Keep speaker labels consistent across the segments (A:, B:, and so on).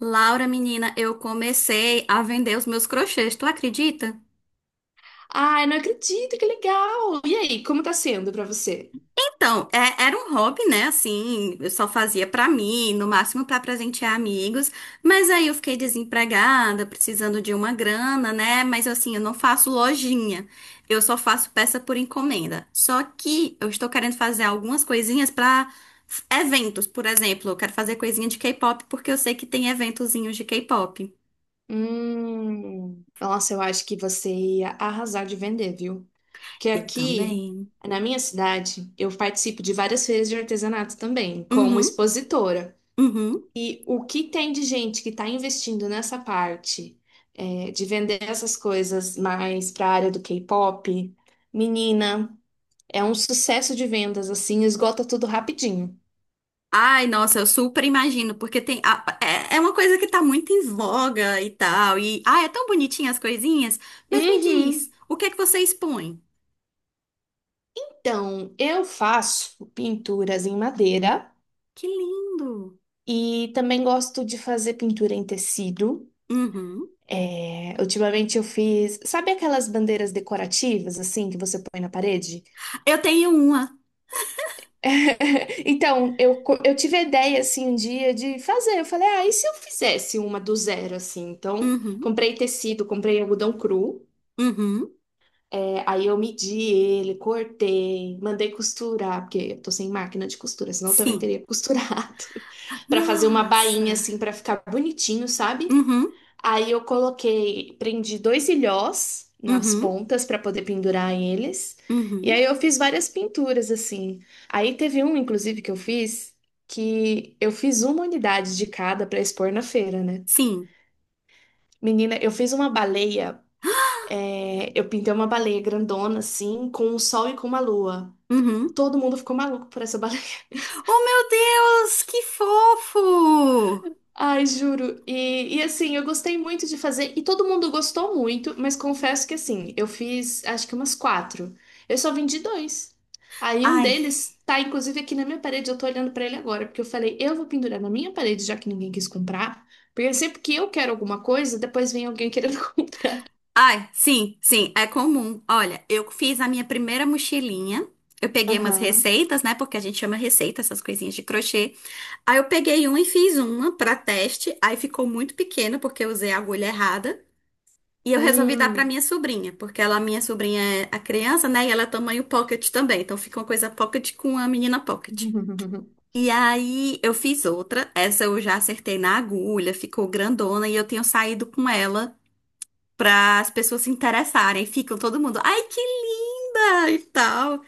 A: Laura, menina, eu comecei a vender os meus crochês, tu acredita?
B: Ai, não acredito, que legal! E aí, como tá sendo pra você?
A: Então, era um hobby, né? Assim, eu só fazia pra mim, no máximo pra presentear amigos. Mas aí eu fiquei desempregada, precisando de uma grana, né? Mas assim, eu não faço lojinha. Eu só faço peça por encomenda. Só que eu estou querendo fazer algumas coisinhas pra eventos, por exemplo. Eu quero fazer coisinha de K-pop porque eu sei que tem eventozinhos de K-pop.
B: Nossa, eu acho que você ia arrasar de vender, viu? Porque
A: Eu
B: aqui,
A: também.
B: na minha cidade, eu participo de várias feiras de artesanato também, como
A: Uhum,
B: expositora.
A: uhum.
B: E o que tem de gente que está investindo nessa parte, é, de vender essas coisas mais para a área do K-pop, menina, é um sucesso de vendas, assim, esgota tudo rapidinho.
A: Ai, nossa, eu super imagino, porque tem é uma coisa que tá muito em voga e tal, e ah, é tão bonitinha as coisinhas, mas me diz,
B: Uhum.
A: o que é que você expõe?
B: Então, eu faço pinturas em madeira
A: Que lindo.
B: e também gosto de fazer pintura em tecido.
A: Uhum.
B: É, ultimamente eu fiz, sabe aquelas bandeiras decorativas assim que você põe na parede?
A: Eu tenho uma.
B: Então, eu tive a ideia assim um dia de fazer. Eu falei, ah, e se eu fizesse uma do zero assim? Então,
A: Uhum.
B: comprei tecido, comprei algodão cru.
A: Uhum.
B: É, aí eu medi ele, cortei, mandei costurar, porque eu tô sem máquina de costura, senão eu também
A: Sim.
B: teria costurado, pra fazer uma
A: Nossa.
B: bainha assim pra ficar bonitinho, sabe?
A: Uhum.
B: Aí eu coloquei, prendi dois ilhós nas
A: Uhum.
B: pontas pra poder pendurar eles. E
A: Uhum.
B: aí eu fiz várias pinturas assim. Aí teve um, inclusive, que eu fiz uma unidade de cada pra expor na feira, né?
A: Sim.
B: Menina, eu fiz uma baleia é, eu pintei uma baleia grandona, assim, com um sol e com uma lua.
A: Uhum.
B: Todo mundo ficou maluco por essa baleia.
A: Oh, meu Deus, que fofo!
B: Ai, juro. E assim, eu gostei muito de fazer, e todo mundo gostou muito, mas confesso que assim, eu fiz acho que umas quatro. Eu só vendi dois. Aí um
A: Ai,
B: deles tá, inclusive, aqui na minha parede, eu tô olhando pra ele agora, porque eu falei, eu vou pendurar na minha parede, já que ninguém quis comprar. Porque sempre que eu quero alguma coisa, depois vem alguém querendo comprar.
A: ai, sim, sim, é comum. Olha, eu fiz a minha primeira mochilinha. Eu peguei umas
B: Aham.
A: receitas, né? Porque a gente chama receita essas coisinhas de crochê. Aí eu peguei uma e fiz uma pra teste. Aí ficou muito pequena porque eu usei a agulha errada. E eu resolvi dar pra
B: Hum.
A: minha sobrinha, porque ela, minha sobrinha é a criança, né? E ela é tamanho pocket também. Então fica uma coisa pocket com a menina pocket. E aí eu fiz outra. Essa eu já acertei na agulha, ficou grandona e eu tenho saído com ela para as pessoas se interessarem. Ficam todo mundo, ai, que linda e tal.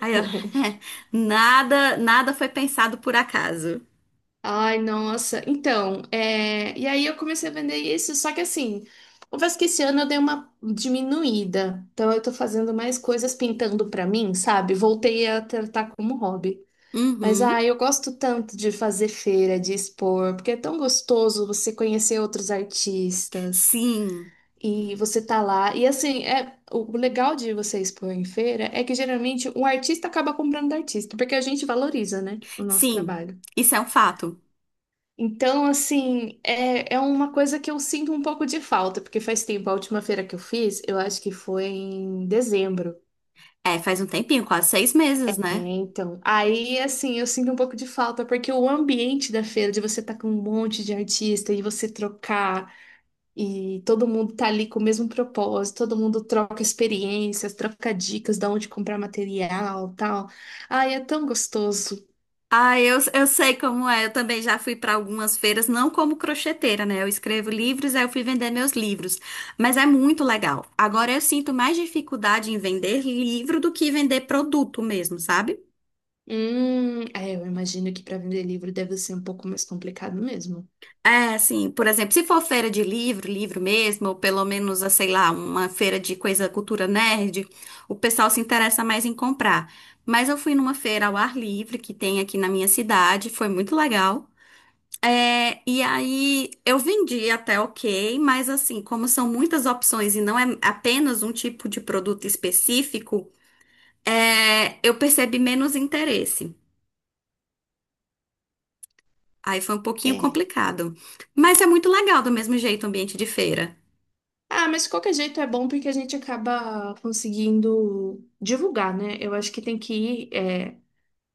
A: Aí, ó, nada, nada foi pensado por acaso.
B: Ai, nossa. Então, é, e aí eu comecei a vender isso, só que assim, confesso que esse ano eu dei uma diminuída. Então eu tô fazendo mais coisas pintando pra mim, sabe? Voltei a tratar como hobby. Mas
A: Uhum.
B: ai, eu gosto tanto de fazer feira, de expor, porque é tão gostoso você conhecer outros artistas
A: Sim,
B: e você tá lá. E assim, é o legal de você expor em feira é que geralmente um artista acaba comprando do artista, porque a gente valoriza, né, o nosso
A: sim,
B: trabalho.
A: isso é um fato.
B: Então, assim, é, é uma coisa que eu sinto um pouco de falta, porque faz tempo, a última feira que eu fiz, eu acho que foi em dezembro,
A: É, faz um tempinho, quase seis meses,
B: né?
A: né?
B: Então, aí, assim, eu sinto um pouco de falta, porque o ambiente da feira, de você estar com um monte de artista e você trocar, e todo mundo tá ali com o mesmo propósito, todo mundo troca experiências, troca dicas de onde comprar material, tal. Ai, é tão gostoso.
A: Ah, eu sei como é. Eu também já fui para algumas feiras, não como crocheteira, né? Eu escrevo livros, aí eu fui vender meus livros. Mas é muito legal. Agora eu sinto mais dificuldade em vender livro do que vender produto mesmo, sabe?
B: É, eu imagino que para vender livro deve ser um pouco mais complicado mesmo.
A: É, assim, por exemplo, se for feira de livro, livro mesmo, ou pelo menos, ah, sei lá, uma feira de coisa cultura nerd, o pessoal se interessa mais em comprar. Mas eu fui numa feira ao ar livre que tem aqui na minha cidade, foi muito legal. É, e aí eu vendi até ok, mas assim, como são muitas opções e não é apenas um tipo de produto específico, eu percebi menos interesse. Aí foi um pouquinho
B: É.
A: complicado. Mas é muito legal do mesmo jeito o ambiente de feira.
B: Ah, mas de qualquer jeito é bom porque a gente acaba conseguindo divulgar, né? Eu acho que tem que ir é,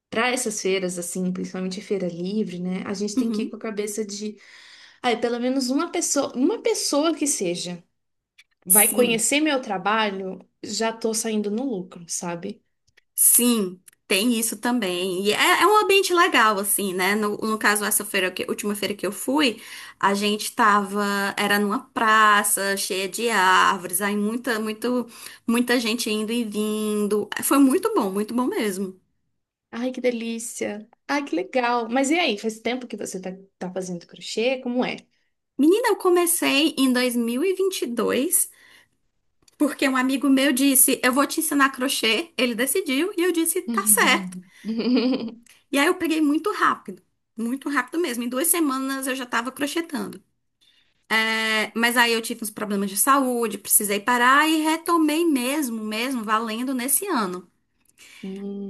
B: para essas feiras, assim, principalmente feira livre, né? A gente tem que ir
A: Uhum.
B: com a cabeça de, ai, pelo menos uma pessoa que seja, vai
A: Sim,
B: conhecer meu trabalho, já tô saindo no lucro, sabe?
A: sim, tem isso também. E é um ambiente legal, assim, né? No caso, última feira que eu fui, a gente tava, era numa praça cheia de árvores, aí muita, muito, muita gente indo e vindo. Foi muito bom mesmo.
B: Ai, que delícia! Ai, que legal! Mas e aí, faz tempo que você tá, tá fazendo crochê? Como é?
A: Menina, eu comecei em 2022, porque um amigo meu disse, eu vou te ensinar crochê. Ele decidiu e eu disse, tá certo. E aí eu peguei muito rápido mesmo. Em duas semanas eu já tava crochetando. É, mas aí eu tive uns problemas de saúde, precisei parar e retomei mesmo, mesmo, valendo nesse ano.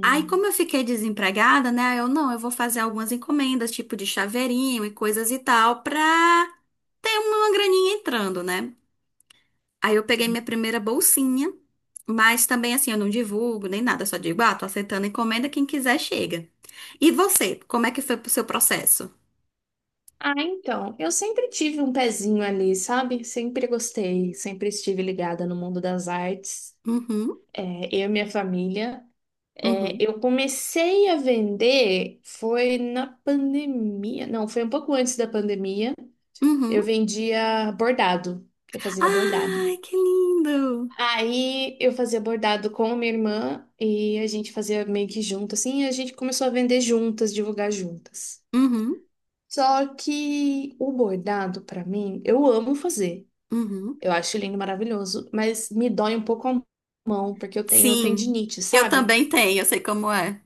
A: Aí, como eu fiquei desempregada, né? Eu não, eu vou fazer algumas encomendas, tipo de chaveirinho e coisas e tal, pra ter uma graninha entrando, né? Aí eu peguei minha primeira bolsinha, mas também assim, eu não divulgo nem nada, só digo, ah, tô aceitando encomenda, quem quiser chega. E você, como é que foi o seu processo?
B: Ah, então, eu sempre tive um pezinho ali, sabe? Sempre gostei, sempre estive ligada no mundo das artes,
A: Uhum,
B: é, eu e minha família. É,
A: uhum,
B: eu comecei a vender, foi na pandemia, não, foi um pouco antes da pandemia. Eu
A: uhum.
B: vendia bordado, eu fazia bordado.
A: Ai, que lindo!
B: Aí eu fazia bordado com a minha irmã e a gente fazia meio que junto, assim, e a gente começou a vender juntas, divulgar juntas.
A: Uhum.
B: Só que o bordado, pra mim, eu amo fazer.
A: Uhum.
B: Eu acho lindo, maravilhoso, mas me dói um pouco a mão, porque eu tenho
A: Sim,
B: tendinite,
A: eu
B: sabe?
A: também tenho, eu sei como é.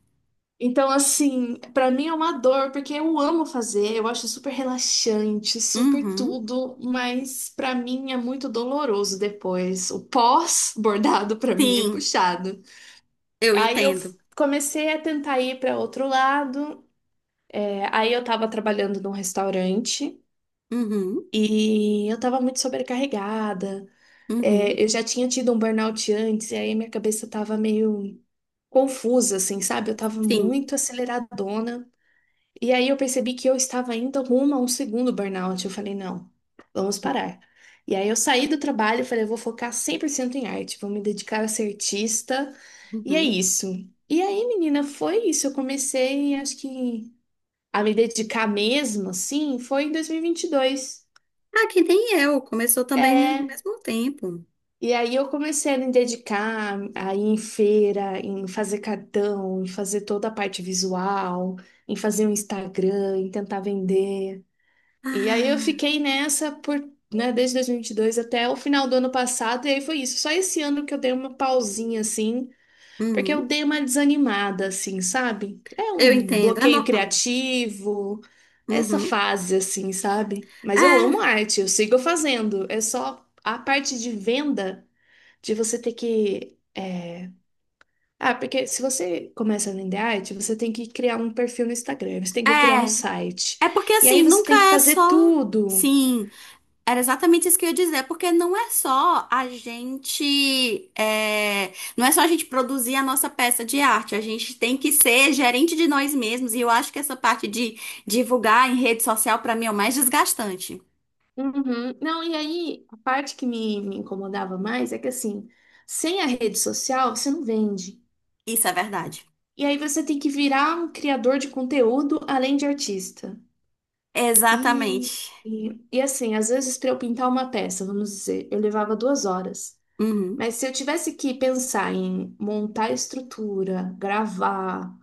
B: Então, assim, pra mim é uma dor, porque eu amo fazer, eu acho super relaxante, super
A: Uhum.
B: tudo, mas pra mim é muito doloroso depois. O pós-bordado pra mim é
A: Sim,
B: puxado.
A: eu
B: Aí eu
A: entendo.
B: comecei a tentar ir pra outro lado, é, aí eu tava trabalhando num restaurante
A: Uhum.
B: e eu tava muito sobrecarregada.
A: Uhum.
B: É, eu já tinha tido um burnout antes, e aí minha cabeça tava meio confusa, assim, sabe? Eu tava
A: Sim.
B: muito aceleradona. E aí eu percebi que eu estava indo rumo a um segundo burnout. Eu falei, não, vamos parar. E aí eu saí do trabalho e falei, eu vou focar 100% em arte, vou me dedicar a ser artista. E é
A: Uhum.
B: isso. E aí, menina, foi isso. Eu comecei, acho que, a me dedicar mesmo, assim, foi em 2022.
A: Ah, que nem eu, começou também ao
B: É,
A: mesmo tempo.
B: e aí eu comecei a me dedicar a ir em feira, em fazer cartão, em fazer toda a parte visual, em fazer um Instagram, em tentar vender. E aí eu
A: Ah,
B: fiquei nessa por, né, desde dois mil e vinte e dois até o final do ano passado, e aí foi isso. Só esse ano que eu dei uma pausinha assim, porque
A: uhum.
B: eu dei uma desanimada assim, sabe? É
A: Eu
B: um
A: entendo, é
B: bloqueio
A: normal.
B: criativo, essa
A: Uhum.
B: fase assim, sabe? Mas eu amo arte, eu sigo fazendo. É só a parte de venda de você ter que. É, ah, porque se você começa no vender arte, você tem que criar um perfil no Instagram, você tem
A: É,
B: que criar um
A: é,
B: site.
A: é porque
B: E aí
A: assim,
B: você
A: nunca
B: tem que
A: é
B: fazer
A: só.
B: tudo.
A: Sim, era exatamente isso que eu ia dizer, porque não é só a gente, não é só a gente produzir a nossa peça de arte, a gente tem que ser gerente de nós mesmos, e eu acho que essa parte de divulgar em rede social, pra mim, é o mais desgastante.
B: Uhum. Não, e aí, a parte que me incomodava mais é que, assim, sem a rede social, você não vende.
A: Isso é verdade.
B: E aí você tem que virar um criador de conteúdo além de artista. E,
A: Exatamente.
B: e assim, às vezes para eu pintar uma peça, vamos dizer, eu levava duas horas.
A: Uhum,
B: Mas se eu tivesse que pensar em montar a estrutura, gravar,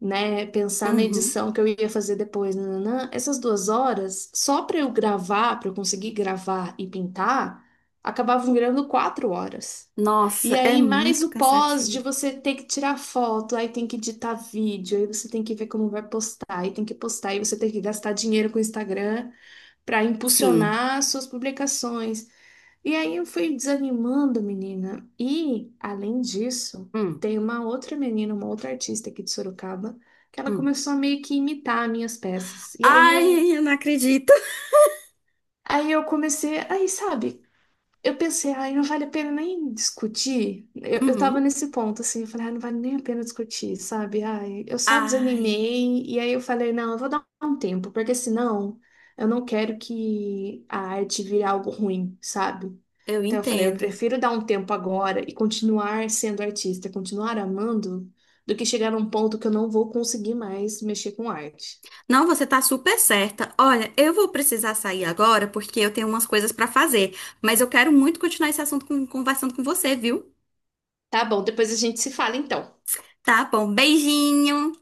B: né, pensar na
A: uhum.
B: edição que eu ia fazer depois, nananã, essas duas horas, só para eu gravar, para eu conseguir gravar e pintar, acabavam virando quatro horas. E
A: Nossa, é
B: aí, mais
A: muito
B: o pós de
A: cansativo.
B: você ter que tirar foto, aí tem que editar vídeo, aí você tem que ver como vai postar, aí tem que postar, aí você tem que gastar dinheiro com o Instagram para
A: Sim.
B: impulsionar suas publicações. E aí eu fui desanimando, menina. E, além disso,
A: Hum,
B: tem uma outra menina, uma outra artista aqui de Sorocaba, que ela
A: hum.
B: começou a meio que imitar minhas peças. E
A: Ai, eu não acredito.
B: aí eu comecei, aí sabe, eu pensei, ai, não vale a pena nem discutir. Eu tava
A: Uhum.
B: nesse ponto, assim, eu falei, ai, não vale nem a pena discutir, sabe? Ai, eu só
A: Ai,
B: desanimei, e aí eu falei, não, eu vou dar um tempo, porque senão eu não quero que a arte vire algo ruim, sabe?
A: eu
B: Então eu falei, eu
A: entendo.
B: prefiro dar um tempo agora e continuar sendo artista, continuar amando, do que chegar num ponto que eu não vou conseguir mais mexer com arte.
A: Não, você tá super certa. Olha, eu vou precisar sair agora porque eu tenho umas coisas pra fazer, mas eu quero muito continuar esse assunto conversando com você, viu?
B: Tá bom, depois a gente se fala então.
A: Tá bom, beijinho.